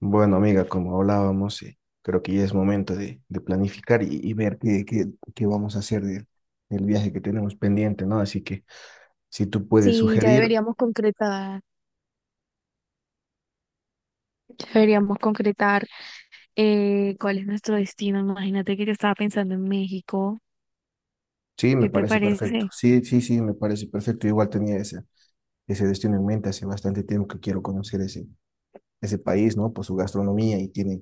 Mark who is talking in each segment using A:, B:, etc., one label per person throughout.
A: Bueno, amiga, como hablábamos, creo que ya es momento de planificar y ver qué vamos a hacer del viaje que tenemos pendiente, ¿no? Así que si tú puedes
B: Sí, ya
A: sugerir,
B: deberíamos concretar, ya deberíamos concretar eh, cuál es nuestro destino. Imagínate que yo estaba pensando en México.
A: sí, me
B: ¿Qué te
A: parece perfecto.
B: parece?
A: Sí, sí, sí, me parece perfecto. Igual tenía ese destino en mente hace bastante tiempo que quiero conocer ese país, ¿no? Por su gastronomía y tiene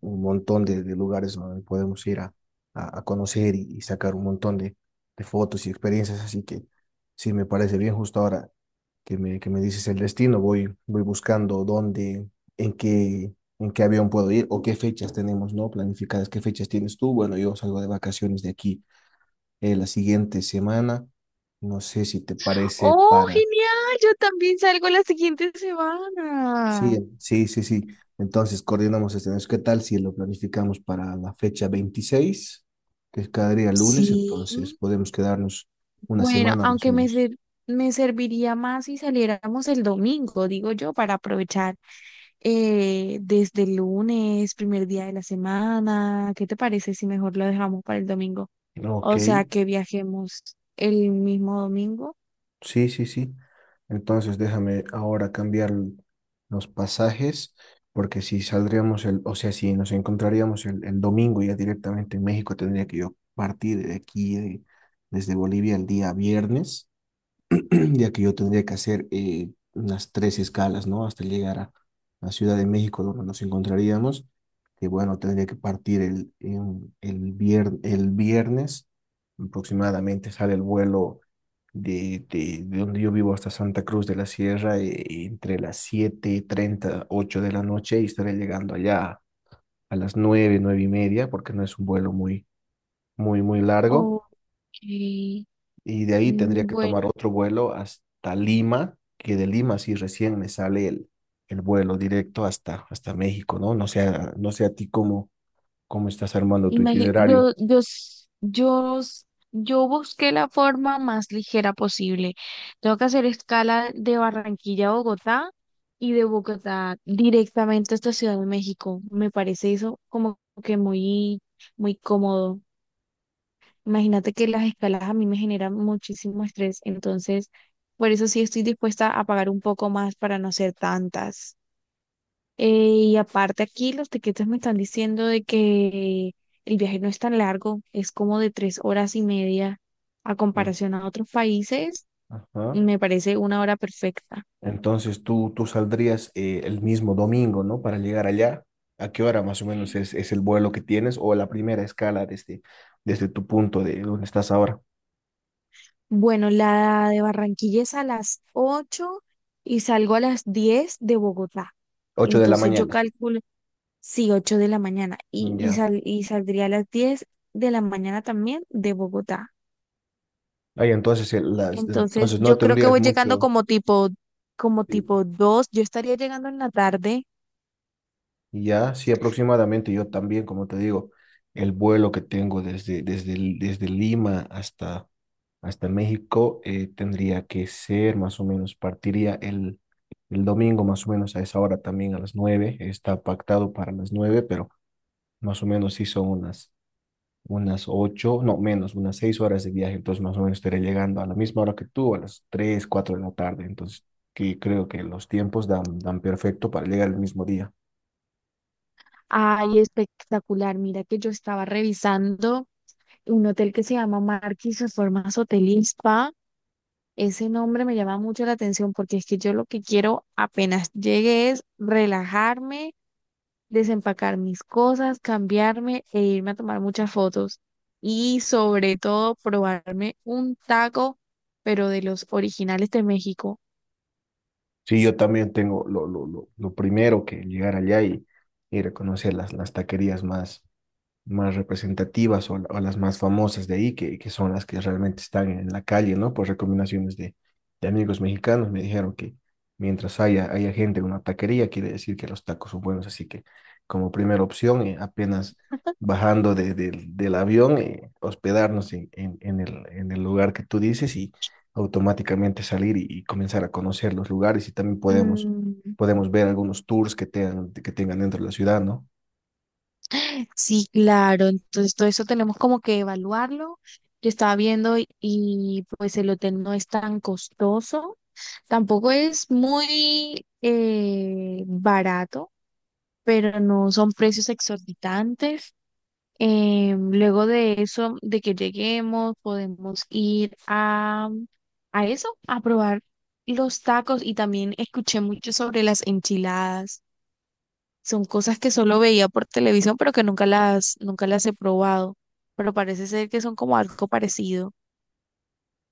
A: un montón de lugares donde podemos ir a conocer y sacar un montón de fotos y experiencias. Así que sí, me parece bien justo ahora que me dices el destino. Voy buscando dónde, en qué, en qué avión puedo ir o qué fechas tenemos, ¿no? Planificadas, qué fechas tienes tú. Bueno, yo salgo de vacaciones de aquí la siguiente semana. No sé si te parece
B: ¡Oh,
A: para.
B: genial! Yo también salgo la siguiente
A: Sí,
B: semana.
A: sí, sí, sí. Entonces, coordinamos este mes. ¿Qué tal si lo planificamos para la fecha 26, que es cada día
B: Sí,
A: lunes? Entonces, podemos quedarnos una
B: bueno,
A: semana más o
B: aunque
A: menos.
B: me serviría más si saliéramos el domingo, digo yo, para aprovechar desde el lunes, primer día de la semana. ¿Qué te parece si mejor lo dejamos para el domingo?
A: Ok,
B: O sea, que viajemos el mismo domingo.
A: sí, sí, sí. Entonces, déjame ahora cambiar los pasajes, porque si saldríamos el, o sea, si nos encontraríamos el domingo ya directamente en México, tendría que yo partir de aquí, desde Bolivia, el día viernes. Ya que yo tendría que hacer unas tres escalas, ¿no? Hasta llegar a la Ciudad de México, donde nos encontraríamos, que bueno, tendría que partir el viernes, aproximadamente sale el vuelo de donde yo vivo hasta Santa Cruz de la Sierra, entre las 7:38 de la noche, y estaré llegando allá a las nueve, 9:30, porque no es un vuelo muy, muy, muy largo
B: Ok.
A: y de ahí tendría
B: Mm,
A: que
B: bueno,
A: tomar otro vuelo hasta Lima, que de Lima sí recién me sale el vuelo directo hasta México, ¿no? No sé, no sé a ti cómo estás armando tu
B: imagi- yo,
A: itinerario,
B: yo, s- yo, s- yo busqué la forma más ligera posible. Tengo que hacer escala de Barranquilla a Bogotá y de Bogotá directamente hasta Ciudad de México. Me parece eso como que muy, muy cómodo. Imagínate que las escalas a mí me generan muchísimo estrés, entonces por eso sí estoy dispuesta a pagar un poco más para no hacer tantas. Y aparte aquí los tiquetes me están diciendo de que el viaje no es tan largo, es como de 3 horas y media a
A: ¿no?
B: comparación a otros países,
A: Ajá.
B: me parece una hora perfecta.
A: Entonces tú saldrías el mismo domingo, ¿no? Para llegar allá. ¿A qué hora más o menos es el vuelo que tienes o la primera escala desde tu punto de donde estás ahora?
B: Bueno, la de Barranquilla es a las 8 y salgo a las 10 de Bogotá.
A: ocho de la
B: Entonces yo
A: mañana.
B: calculo, sí, 8 de la mañana y, y,
A: Ya.
B: sal- y saldría a las 10 de la mañana también de Bogotá.
A: Ahí entonces,
B: Entonces,
A: entonces no
B: yo creo que
A: tendrías
B: voy llegando
A: mucho.
B: como tipo, como
A: eh,
B: tipo 2. Yo estaría llegando en la tarde.
A: Y ya, sí, aproximadamente yo también, como te digo, el vuelo que tengo desde Lima hasta México tendría que ser más o menos, partiría el domingo más o menos a esa hora también, a las nueve, está pactado para las nueve, pero más o menos sí son unas ocho, no menos, unas seis horas de viaje, entonces más o menos estaré llegando a la misma hora que tú, a las tres, cuatro de la tarde, entonces que creo que los tiempos dan perfecto para llegar el mismo día.
B: Ay, espectacular. Mira que yo estaba revisando un hotel que se llama Marquis Reformas Hotel y Spa. Ese nombre me llama mucho la atención porque es que yo lo que quiero apenas llegue es relajarme, desempacar mis cosas, cambiarme e irme a tomar muchas fotos. Y sobre todo probarme un taco, pero de los originales de México.
A: Sí, yo también tengo lo primero que llegar allá y reconocer las taquerías más representativas o las más famosas de ahí, que son las que realmente están en la calle, ¿no? Por recomendaciones de amigos mexicanos me dijeron que mientras haya gente en una taquería, quiere decir que los tacos son buenos, así que como primera opción, apenas bajando del avión, hospedarnos en el lugar que tú dices y automáticamente salir y comenzar a conocer los lugares y también
B: Mm,
A: podemos ver algunos tours que tengan dentro de la ciudad, ¿no?
B: sí, claro. Entonces, todo eso tenemos como que evaluarlo. Yo estaba viendo y pues el hotel no es tan costoso, tampoco es muy barato, pero no son precios exorbitantes. Luego de eso, de que lleguemos, podemos ir a probar los tacos y también escuché mucho sobre las enchiladas. Son cosas que solo veía por televisión, pero que nunca las he probado. Pero parece ser que son como algo parecido,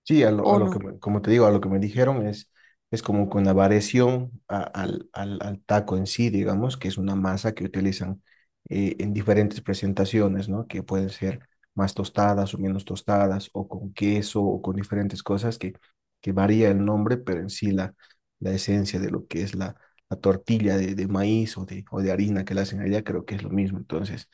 A: Sí, a
B: ¿o
A: lo que,
B: no?
A: me- como te digo, a lo que me dijeron es como con la variación al taco en sí, digamos, que es una masa que utilizan en diferentes presentaciones, ¿no? Que pueden ser más tostadas o menos tostadas, o con queso, o con diferentes cosas que varía el nombre, pero en sí la esencia de lo que es la tortilla de maíz o de harina que la hacen allá, creo que es lo mismo. Entonces,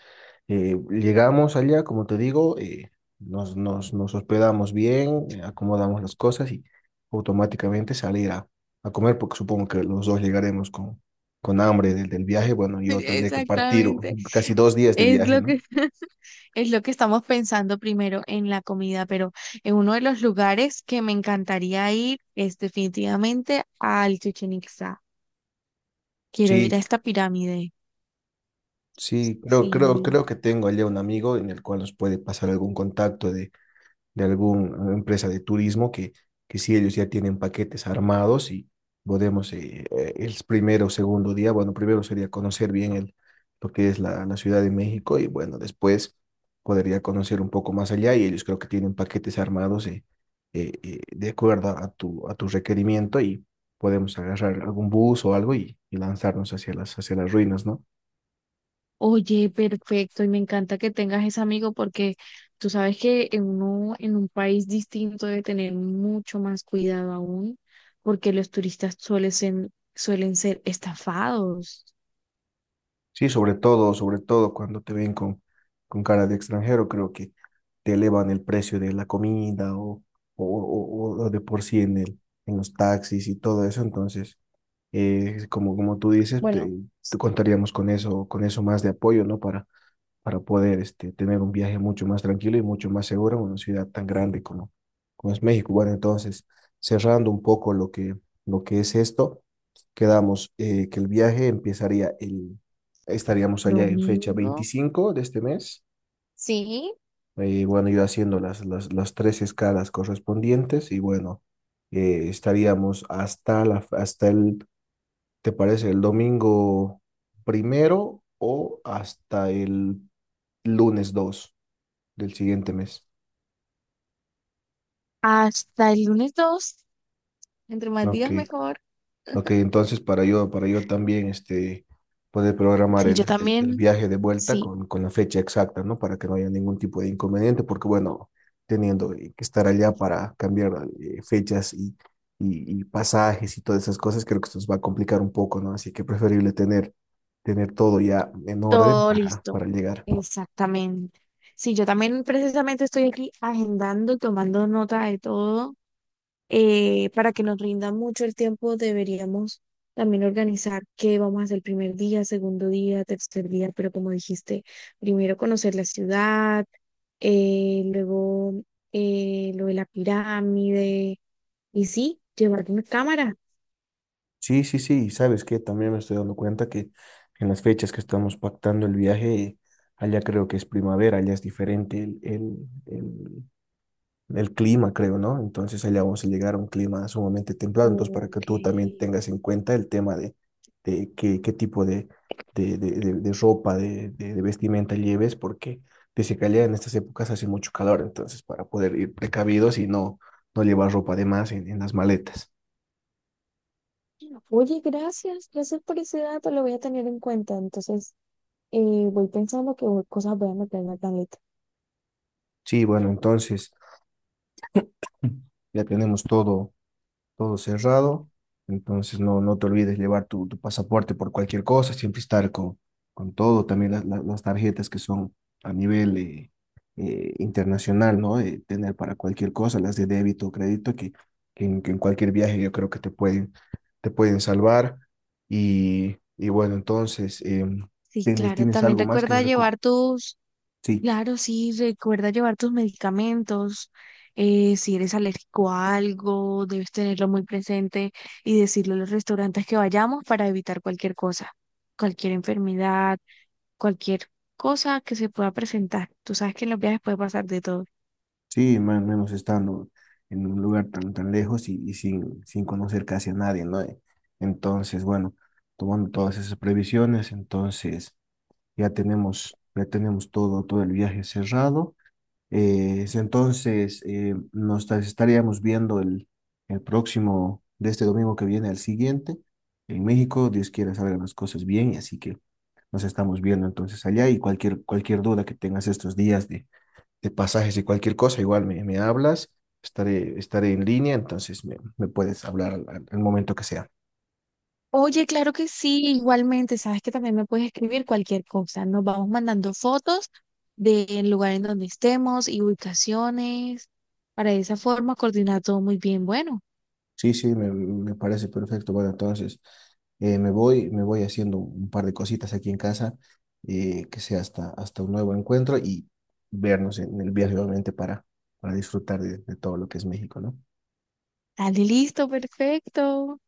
A: llegamos allá, como te digo, nos hospedamos bien, acomodamos las cosas y automáticamente salir a comer, porque supongo que los dos llegaremos con hambre del viaje. Bueno, yo tendré que partir
B: Exactamente,
A: casi 2 días de
B: es
A: viaje,
B: lo
A: ¿no?
B: que Es lo que estamos pensando primero en la comida, pero en uno de los lugares que me encantaría ir es definitivamente al Chichén Itzá. Quiero ir a
A: Sí,
B: esta pirámide.
A: sí,
B: Sí.
A: creo que tengo allá un amigo en el cual nos puede pasar algún contacto de alguna empresa de turismo que sí, ellos ya tienen paquetes armados y podemos el primero o segundo día, bueno, primero sería conocer bien lo que es la Ciudad de México y bueno, después podría conocer un poco más allá y ellos creo que tienen paquetes armados de acuerdo a tu requerimiento y podemos agarrar algún bus o algo y lanzarnos hacia hacia las ruinas, ¿no?
B: Oye, perfecto, y me encanta que tengas ese amigo porque tú sabes que en un país distinto debe tener mucho más cuidado aún, porque los turistas suelen ser estafados.
A: Sí, sobre todo, cuando te ven con cara de extranjero, creo que te elevan el precio de la comida o de por sí en en los taxis y todo eso. Entonces, como, como tú dices,
B: Bueno,
A: te contaríamos con eso, más de apoyo, ¿no? Para poder tener un viaje mucho más tranquilo y mucho más seguro en una ciudad tan grande como es México. Bueno, entonces, cerrando un poco lo que es esto, quedamos que el viaje empezaría estaríamos allá en fecha
B: domingo.
A: 25 de este mes.
B: Sí,
A: Bueno, yo haciendo las tres escalas correspondientes y bueno, estaríamos hasta el, ¿te parece? El domingo primero o hasta el lunes 2 del siguiente mes.
B: hasta el lunes 2, entre más
A: Ok,
B: días mejor.
A: ok, entonces para yo, también poder programar
B: Sí, yo
A: el
B: también,
A: viaje de vuelta
B: sí,
A: con la fecha exacta, ¿no? Para que no haya ningún tipo de inconveniente, porque bueno, teniendo que estar allá para cambiar fechas y pasajes y todas esas cosas, creo que esto nos va a complicar un poco, ¿no? Así que preferible tener todo ya en orden
B: todo listo.
A: para llegar.
B: Exactamente. Sí, yo también precisamente estoy aquí agendando, tomando nota de todo. Para que nos rinda mucho el tiempo, deberíamos también organizar qué vamos a hacer el primer día, segundo día, tercer día, pero como dijiste, primero conocer la ciudad, luego lo de la pirámide, y sí, llevar una cámara.
A: Sí, sí, sí, y sabes que también me estoy dando cuenta que en las fechas que estamos pactando el viaje, allá creo que es primavera, allá es diferente el clima, creo, ¿no? Entonces allá vamos a llegar a un clima sumamente templado, entonces para que
B: Ok.
A: tú también tengas en cuenta el tema de qué tipo de ropa, de vestimenta lleves, porque dice que allá en estas épocas hace mucho calor, entonces para poder ir precavidos y no, no llevar ropa de más en las maletas.
B: Oye, gracias, gracias por ese dato, lo voy a tener en cuenta. Entonces, eh, voy pensando qué cosas voy a meter en la tableta.
A: Sí, bueno, entonces. Ya tenemos todo, todo cerrado. Entonces no, no te olvides llevar tu, tu pasaporte por cualquier cosa, siempre estar con todo, también las tarjetas que son a nivel internacional, ¿no? Tener para cualquier cosa, las de débito o crédito, que en cualquier viaje yo creo te pueden salvar. Y bueno, entonces,
B: Sí, claro,
A: tienes
B: también
A: algo más que
B: recuerda
A: recomendar?
B: llevar tus...
A: Sí.
B: Claro, sí, recuerda llevar tus medicamentos. Si eres alérgico a algo, debes tenerlo muy presente y decirle a los restaurantes que vayamos para evitar cualquier cosa, cualquier enfermedad, cualquier cosa que se pueda presentar. Tú sabes que en los viajes puede pasar de todo.
A: Sí, más menos estando en un lugar tan, tan lejos y sin conocer casi a nadie, ¿no? Entonces, bueno, tomando todas esas previsiones, entonces ya tenemos todo, todo el viaje cerrado. Es entonces, estaríamos viendo el próximo, de este domingo que viene al siguiente, en México, Dios quiera salgan las cosas bien, así que nos estamos viendo entonces allá y cualquier duda que tengas estos días de pasajes y cualquier cosa, igual me hablas, estaré en línea, entonces me puedes hablar al momento que sea.
B: Oye, claro que sí, igualmente, sabes que también me puedes escribir cualquier cosa. Nos vamos mandando fotos del lugar en donde estemos y ubicaciones. Para de esa forma coordinar todo muy bien. Bueno.
A: Sí, sí, me parece perfecto. Bueno, entonces me voy haciendo un par de cositas aquí en casa, que sea hasta un nuevo encuentro y vernos en el viaje, obviamente, para disfrutar de todo lo que es México, ¿no?
B: Dale, listo, perfecto.